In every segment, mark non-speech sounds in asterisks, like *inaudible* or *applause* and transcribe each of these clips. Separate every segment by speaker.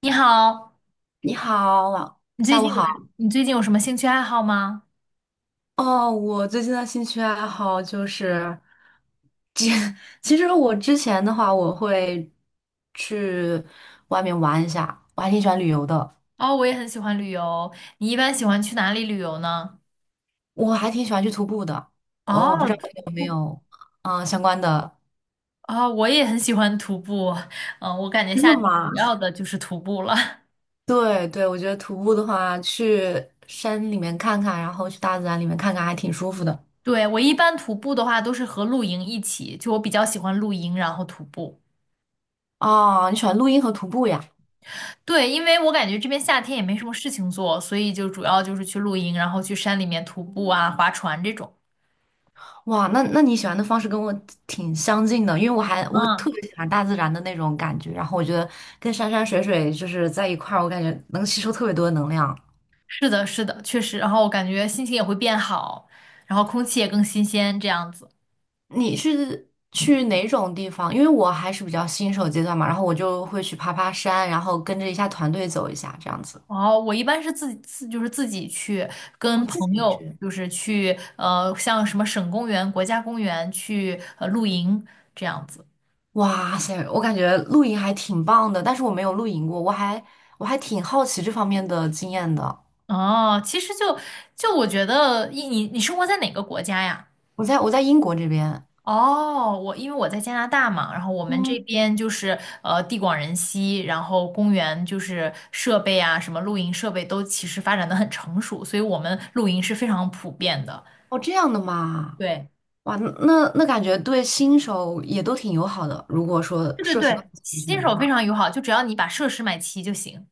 Speaker 1: 你好，
Speaker 2: 你好，
Speaker 1: 你最
Speaker 2: 下午
Speaker 1: 近有什
Speaker 2: 好。
Speaker 1: 你最近有什么兴趣爱好吗？
Speaker 2: 哦，我最近的兴趣爱好就是，其 *laughs* 其实我之前的话，我会去外面玩一下，我还挺喜欢旅游的，
Speaker 1: 哦，我也很喜欢旅游。你一般喜欢去哪里旅游呢？
Speaker 2: 我还挺喜欢去徒步的。哦，我不
Speaker 1: 哦，
Speaker 2: 知道
Speaker 1: 徒
Speaker 2: 你有没
Speaker 1: 步。
Speaker 2: 有相关的
Speaker 1: 哦，我也很喜欢徒步。嗯，我感
Speaker 2: *laughs*。
Speaker 1: 觉
Speaker 2: 真
Speaker 1: 夏
Speaker 2: 的
Speaker 1: 天
Speaker 2: 吗？
Speaker 1: 主要的就是徒步了。*laughs*
Speaker 2: 对对，我觉得徒步的话，去山里面看看，然后去大自然里面看看，还挺舒服的。
Speaker 1: 对，我一般徒步的话都是和露营一起，就我比较喜欢露营，然后徒步。
Speaker 2: 哦，你喜欢录音和徒步呀？
Speaker 1: 对，因为我感觉这边夏天也没什么事情做，所以就主要就是去露营，然后去山里面徒步啊、划船这种。
Speaker 2: 哇，那你喜欢的方式跟我挺相近的，因为我
Speaker 1: 嗯。
Speaker 2: 特别喜欢大自然的那种感觉，然后我觉得跟山山水水就是在一块儿，我感觉能吸收特别多的能量。
Speaker 1: 是的，是的，确实。然后我感觉心情也会变好，然后空气也更新鲜，这样子。
Speaker 2: 你是去哪种地方？因为我还是比较新手阶段嘛，然后我就会去爬爬山，然后跟着一下团队走一下这样子。
Speaker 1: 哦，我一般是自己自就是自己去
Speaker 2: 我
Speaker 1: 跟
Speaker 2: 自
Speaker 1: 朋
Speaker 2: 己
Speaker 1: 友，
Speaker 2: 去。
Speaker 1: 就是去像什么省公园、国家公园去露营这样子。
Speaker 2: 哇塞，我感觉露营还挺棒的，但是我没有露营过，我还挺好奇这方面的经验的。
Speaker 1: 哦，其实就我觉得，你生活在哪个国家呀？
Speaker 2: 我在英国这边，
Speaker 1: 哦，因为我在加拿大嘛，然后我们这
Speaker 2: 嗯。
Speaker 1: 边就是地广人稀，然后公园就是设备啊，什么露营设备都其实发展的很成熟，所以我们露营是非常普遍的。
Speaker 2: 哦，这样的嘛，
Speaker 1: 对，
Speaker 2: 哇，那感觉对新手也都挺友好的。如果说
Speaker 1: 对对
Speaker 2: 设施都
Speaker 1: 对，
Speaker 2: 很齐
Speaker 1: 新
Speaker 2: 全的
Speaker 1: 手非
Speaker 2: 话，
Speaker 1: 常友好，就只要你把设施买齐就行。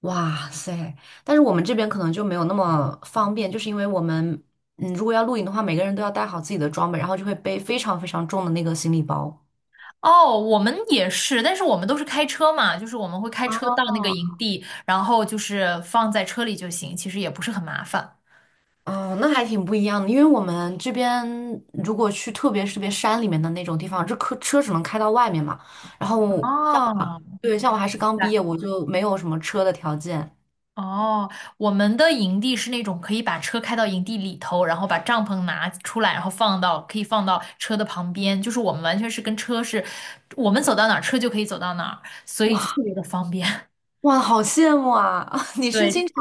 Speaker 2: 哇塞！但是我们这边可能就没有那么方便，就是因为我们，嗯，如果要露营的话，每个人都要带好自己的装备，然后就会背非常非常重的那个行李包。
Speaker 1: 哦，我们也是，但是我们都是开车嘛，就是我们会开车
Speaker 2: 啊。
Speaker 1: 到那个营地，然后就是放在车里就行，其实也不是很麻烦。
Speaker 2: 哦，那还挺不一样的，因为我们这边如果去特别山里面的那种地方，这车只能开到外面嘛。然后，
Speaker 1: 哦，
Speaker 2: 对，像我还是刚
Speaker 1: 对
Speaker 2: 毕业，我就没有什么车的条件。
Speaker 1: 哦，我们的营地是那种可以把车开到营地里头，然后把帐篷拿出来，然后放到可以放到车的旁边，就是我们完全是跟车是，我们走到哪儿车就可以走到哪儿，所以就
Speaker 2: 哇，
Speaker 1: 特别的方便。*laughs*
Speaker 2: 哇，好羡慕啊！*laughs* 你是
Speaker 1: 对，
Speaker 2: 经常，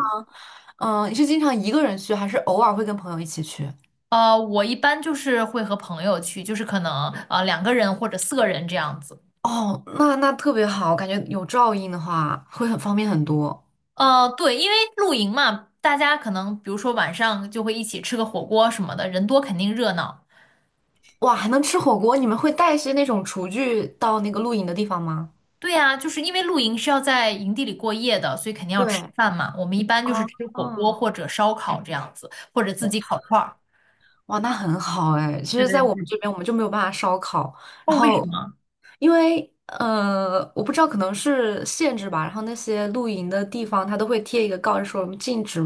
Speaker 2: 你是经常一个人去，还是偶尔会跟朋友一起去？
Speaker 1: 我一般就是会和朋友去，就是可能2个人或者4个人这样子。
Speaker 2: 哦，那那特别好，感觉有照应的话会很方便很多。
Speaker 1: 对，因为露营嘛，大家可能比如说晚上就会一起吃个火锅什么的，人多肯定热闹。
Speaker 2: 哇，还能吃火锅？你们会带一些那种厨具到那个露营的地方吗？
Speaker 1: 对呀，就是因为露营是要在营地里过夜的，所以肯定要吃
Speaker 2: 对，
Speaker 1: 饭嘛。我们一般就是
Speaker 2: 啊，
Speaker 1: 吃火锅
Speaker 2: 啊！
Speaker 1: 或者烧烤这样子，或者自己烤串儿。
Speaker 2: 哇，那很好哎。其
Speaker 1: 对
Speaker 2: 实，在
Speaker 1: 对
Speaker 2: 我们这
Speaker 1: 对。
Speaker 2: 边，我们就没有办法烧烤。然
Speaker 1: 哦，为什
Speaker 2: 后，
Speaker 1: 么？
Speaker 2: 因为我不知道可能是限制吧，然后那些露营的地方，它都会贴一个告示说我们禁止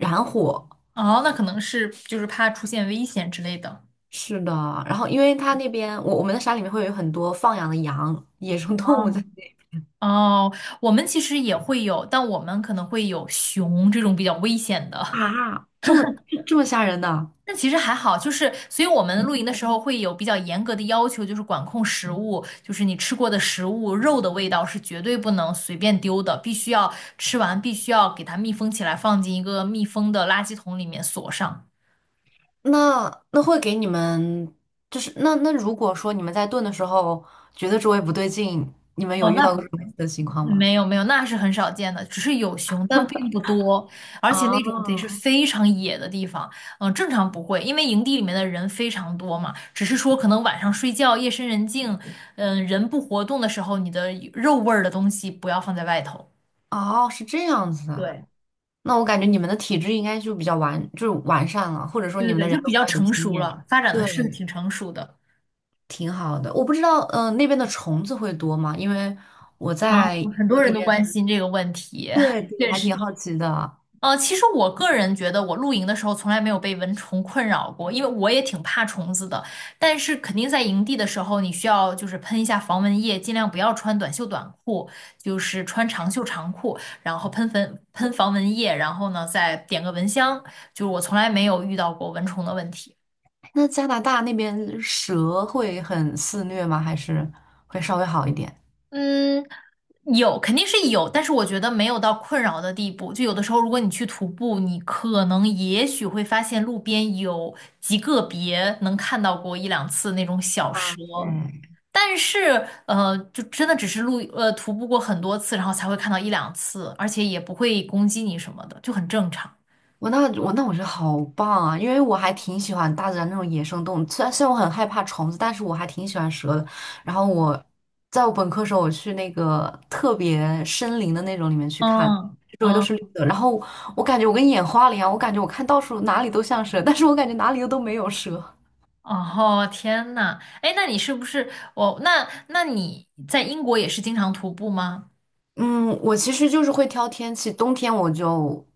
Speaker 2: 燃火。
Speaker 1: 哦，那可能是就是怕出现危险之类的。
Speaker 2: 是的，然后因为它那边，我们的山里面会有很多放养的羊、野生动物在
Speaker 1: 哦
Speaker 2: 那边
Speaker 1: 哦，我们其实也会有，但我们可能会有熊这种比较危险的。
Speaker 2: 啊，这么吓人的。
Speaker 1: 那其实还好，就是所以我们露营的时候会有比较严格的要求，就是管控食物，就是你吃过的食物，肉的味道是绝对不能随便丢的，必须要吃完，必须要给它密封起来，放进一个密封的垃圾桶里面锁上。
Speaker 2: 那那会给你们，就是如果说你们在炖的时候觉得周围不对劲，你们
Speaker 1: 哦，
Speaker 2: 有遇
Speaker 1: 那
Speaker 2: 到
Speaker 1: 不
Speaker 2: 过这种类似的情况吗？
Speaker 1: 没有没有，那是很少见的，只是有熊，但并不多，而且那种得是
Speaker 2: 哦
Speaker 1: 非常野的地方，正常不会，因为营地里面的人非常多嘛，只是说可能晚上睡觉，夜深人静，人不活动的时候，你的肉味儿的东西不要放在外头。
Speaker 2: 哦，是这样子的。
Speaker 1: 对，
Speaker 2: 那我感觉你们的体质应该就是完善了，或者说你
Speaker 1: 对对
Speaker 2: 们的
Speaker 1: 对，
Speaker 2: 人
Speaker 1: 就比
Speaker 2: 都比
Speaker 1: 较
Speaker 2: 较有
Speaker 1: 成
Speaker 2: 经
Speaker 1: 熟
Speaker 2: 验，
Speaker 1: 了，发展的
Speaker 2: 对，
Speaker 1: 是挺成熟的。
Speaker 2: 挺好的。我不知道，嗯，那边的虫子会多吗？因为我
Speaker 1: 啊，
Speaker 2: 在
Speaker 1: 很
Speaker 2: 我
Speaker 1: 多
Speaker 2: 这
Speaker 1: 人都
Speaker 2: 边，
Speaker 1: 关心这个问题，
Speaker 2: 对
Speaker 1: *laughs*
Speaker 2: 对，我
Speaker 1: 确
Speaker 2: 还
Speaker 1: 实。
Speaker 2: 挺好奇的。
Speaker 1: 其实我个人觉得，我露营的时候从来没有被蚊虫困扰过，因为我也挺怕虫子的。但是肯定在营地的时候，你需要就是喷一下防蚊液，尽量不要穿短袖短裤，就是穿长袖长裤，然后喷粉喷防蚊液，然后呢再点个蚊香。就是我从来没有遇到过蚊虫的问题。
Speaker 2: 那加拿大那边蛇会很肆虐吗？还是会稍微好一点？
Speaker 1: 嗯，有，肯定是有，但是我觉得没有到困扰的地步。就有的时候，如果你去徒步，你可能也许会发现路边有极个别能看到过一两次那种小
Speaker 2: 哇
Speaker 1: 蛇，
Speaker 2: 塞！
Speaker 1: 但是就真的只是徒步过很多次，然后才会看到一两次，而且也不会攻击你什么的，就很正常。
Speaker 2: 我觉得好棒啊，因为我还挺喜欢大自然那种野生动物。虽然我很害怕虫子，但是我还挺喜欢蛇的。然后在我本科时候，我去那个特别森林的那种里面去看，
Speaker 1: 嗯
Speaker 2: 周围都
Speaker 1: 嗯，
Speaker 2: 是绿的。然后我感觉我跟眼花了一样，我感觉我看到处哪里都像蛇，但是我感觉哪里又都没有蛇。
Speaker 1: 哦，天呐，哎，那你是不是我？那你在英国也是经常徒步吗？
Speaker 2: 嗯，我其实就是会挑天气，冬天我就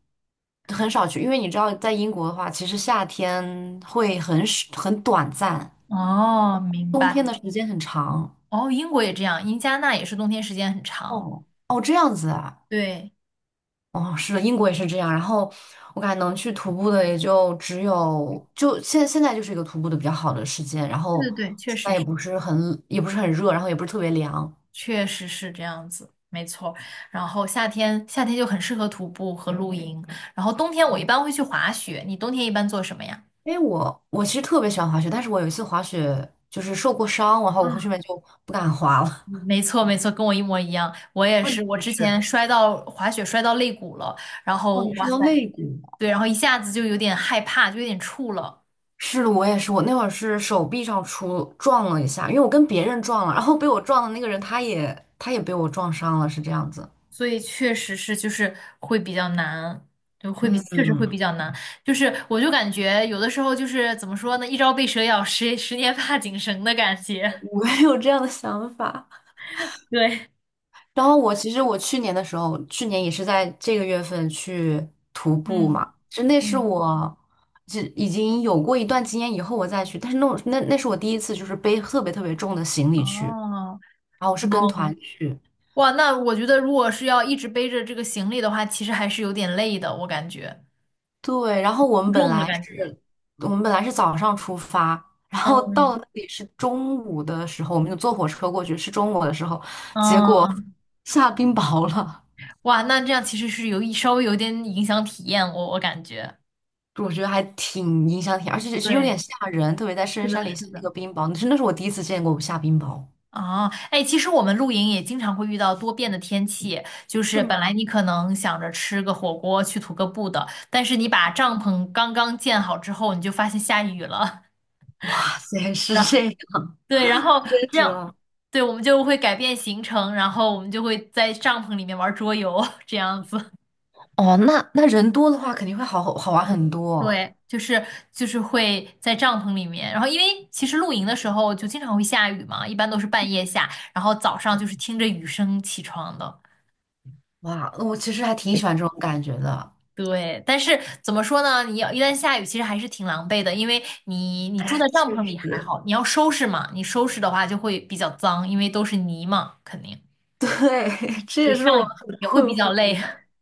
Speaker 2: 很少去，因为你知道，在英国的话，其实夏天会很少很短暂，
Speaker 1: 哦，明
Speaker 2: 冬天
Speaker 1: 白。
Speaker 2: 的时间很长。
Speaker 1: 哦，英国也这样，因加拿大也是冬天时间很长。
Speaker 2: 哦哦，这样子啊，
Speaker 1: 对，
Speaker 2: 哦，是的，英国也是这样。然后我感觉能去徒步的也就只有，就现在就是一个徒步的比较好的时间。然
Speaker 1: 对
Speaker 2: 后
Speaker 1: 对对，确
Speaker 2: 现在
Speaker 1: 实是。
Speaker 2: 也不是很热，然后也不是特别凉。
Speaker 1: 确实是这样子，没错儿。然后夏天就很适合徒步和露营，然后冬天我一般会去滑雪。你冬天一般做什么呀？
Speaker 2: 因为我其实特别喜欢滑雪，但是我有一次滑雪就是受过伤，然后
Speaker 1: 啊，
Speaker 2: 我后面就不敢滑了。
Speaker 1: 没错，没错，跟我一模一样。我
Speaker 2: *laughs*
Speaker 1: 也
Speaker 2: 问
Speaker 1: 是，我
Speaker 2: 题
Speaker 1: 之
Speaker 2: 是，
Speaker 1: 前摔到滑雪摔到肋骨了，然
Speaker 2: 哦，
Speaker 1: 后
Speaker 2: 你
Speaker 1: 哇
Speaker 2: 说
Speaker 1: 塞，
Speaker 2: 到肋骨了，
Speaker 1: 对，然后一下子就有点害怕，就有点怵了。
Speaker 2: 是的，我也是，我那会儿是手臂上撞了一下，因为我跟别人撞了，然后被我撞的那个人他也被我撞伤了，是这样子。
Speaker 1: 所以确实是就是会比较难，就会比
Speaker 2: 嗯，
Speaker 1: 确实会比
Speaker 2: 嗯
Speaker 1: 较难。就是我就感觉有的时候就是怎么说呢，一朝被蛇咬，十年怕井绳的感觉。*laughs*
Speaker 2: 我也有这样的想法。
Speaker 1: 对，
Speaker 2: 然后我其实我去年的时候，去年也是在这个月份去徒步
Speaker 1: 嗯
Speaker 2: 嘛，就那是
Speaker 1: 嗯，
Speaker 2: 我就已经有过一段经验以后我再去，但是那是我第一次就是背特别特别重的行李去，
Speaker 1: 哦
Speaker 2: 然后我是跟团
Speaker 1: 哦，
Speaker 2: 去，
Speaker 1: 哇，那我觉得如果是要一直背着这个行李的话，其实还是有点累的，我感觉
Speaker 2: 对，然后
Speaker 1: 负重的感觉。
Speaker 2: 我们本来是早上出发。然后到
Speaker 1: 嗯
Speaker 2: 了那里是中午的时候，我们就坐火车过去，是中午的时候，结果
Speaker 1: 嗯，
Speaker 2: 下冰雹了。
Speaker 1: 哇，那这样其实是稍微有点影响体验，我感觉。
Speaker 2: 我觉得还挺影响，而且是有
Speaker 1: 对，
Speaker 2: 点吓人，特别在
Speaker 1: 是
Speaker 2: 深
Speaker 1: 的，
Speaker 2: 山里下
Speaker 1: 是
Speaker 2: 那
Speaker 1: 的。
Speaker 2: 个冰雹，真的是我第一次见过下冰雹。
Speaker 1: 哦，哎，其实我们露营也经常会遇到多变的天气，就
Speaker 2: 是
Speaker 1: 是本来
Speaker 2: 吗？
Speaker 1: 你可能想着吃个火锅去徒个步的，但是你把帐篷刚刚建好之后，你就发现下雨了，
Speaker 2: 哇塞，
Speaker 1: *laughs*
Speaker 2: 是
Speaker 1: 然后
Speaker 2: 这样，
Speaker 1: 对，然后
Speaker 2: 真
Speaker 1: 这
Speaker 2: 实
Speaker 1: 样，
Speaker 2: 哦。
Speaker 1: 对，我们就会改变行程，然后我们就会在帐篷里面玩桌游，*laughs* 这样子。*laughs*
Speaker 2: 哦，那那人多的话肯定好玩很多。
Speaker 1: 对，就是会在帐篷里面，然后因为其实露营的时候就经常会下雨嘛，一般都是半夜下，然后早上就是听着雨声起床的。
Speaker 2: 哇，那我其实还挺喜欢这种感觉的。
Speaker 1: 对，但是怎么说呢？你要一旦下雨，其实还是挺狼狈的，因为你住在
Speaker 2: 哎，
Speaker 1: 帐
Speaker 2: 确
Speaker 1: 篷里还
Speaker 2: 实，
Speaker 1: 好，你要收拾嘛，你收拾的话就会比较脏，因为都是泥嘛，肯定。
Speaker 2: 对，*laughs* 这也
Speaker 1: 对，这
Speaker 2: 是我，
Speaker 1: 样
Speaker 2: 很
Speaker 1: 也会
Speaker 2: 困
Speaker 1: 比
Speaker 2: 惑
Speaker 1: 较累。
Speaker 2: 的。
Speaker 1: *laughs*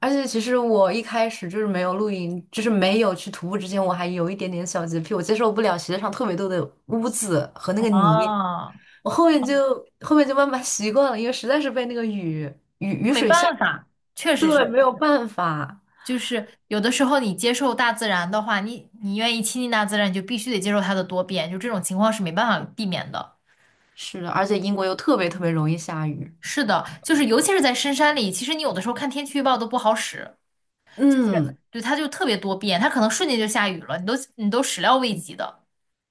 Speaker 2: 而且其实我一开始就是没有露营，就是没有去徒步之前，我还有一点点小洁癖，我接受不了鞋上特别多的污渍和那个泥。
Speaker 1: 哦，
Speaker 2: 我后面就慢慢习惯了，因为实在是被那个雨
Speaker 1: 没
Speaker 2: 水吓，
Speaker 1: 办法，确实
Speaker 2: 对，
Speaker 1: 是，
Speaker 2: 没有办法。
Speaker 1: 就是有的时候你接受大自然的话，你愿意亲近大自然，你就必须得接受它的多变，就这种情况是没办法避免的。
Speaker 2: 是的，而且英国又特别特别容易下雨。
Speaker 1: 是的，就是尤其是在深山里，其实你有的时候看天气预报都不好使。就是
Speaker 2: 嗯，
Speaker 1: 对，它就特别多变，它可能瞬间就下雨了，你都始料未及的。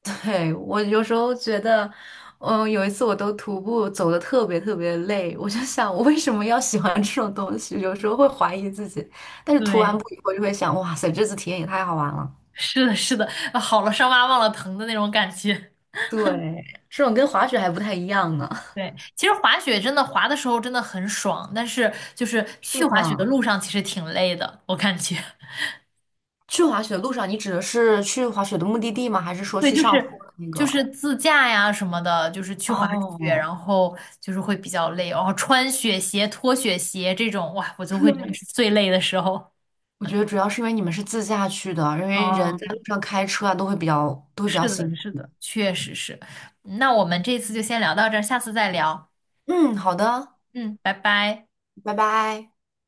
Speaker 2: 对，我有时候觉得，嗯，有一次我都徒步走的特别特别累，我就想我为什么要喜欢这种东西？有时候会怀疑自己，但是涂完
Speaker 1: 对，
Speaker 2: 步以后就会想，哇塞，这次体验也太好玩了。
Speaker 1: 是的，是的，啊好了伤疤忘了疼的那种感觉。
Speaker 2: 对，这种跟滑雪还不太一样呢。
Speaker 1: *laughs* 对，其实滑雪真的滑的时候真的很爽，但是就是去
Speaker 2: 是
Speaker 1: 滑雪的
Speaker 2: 的。
Speaker 1: 路上其实挺累的，我感觉。
Speaker 2: 去滑雪的路上，你指的是去滑雪的目的地吗？还是
Speaker 1: *laughs*
Speaker 2: 说
Speaker 1: 对，
Speaker 2: 去
Speaker 1: 就
Speaker 2: 上坡
Speaker 1: 是
Speaker 2: 的那
Speaker 1: 就
Speaker 2: 个？
Speaker 1: 是自驾呀什么的，就是去滑雪，
Speaker 2: 哦，
Speaker 1: 然后就是会比较累，然后穿雪鞋、脱雪鞋这种，哇，我就会觉得
Speaker 2: 对。
Speaker 1: 是最累的时候。
Speaker 2: 我觉得主要是因为你们是自驾去的，因为人在
Speaker 1: 嗯。
Speaker 2: 路上开车啊，都会比较
Speaker 1: 是的，
Speaker 2: 辛苦。
Speaker 1: 是的，确实是。那我们这次就先聊到这儿，下次再聊。
Speaker 2: 嗯，好的，
Speaker 1: 嗯，拜拜。
Speaker 2: 拜拜。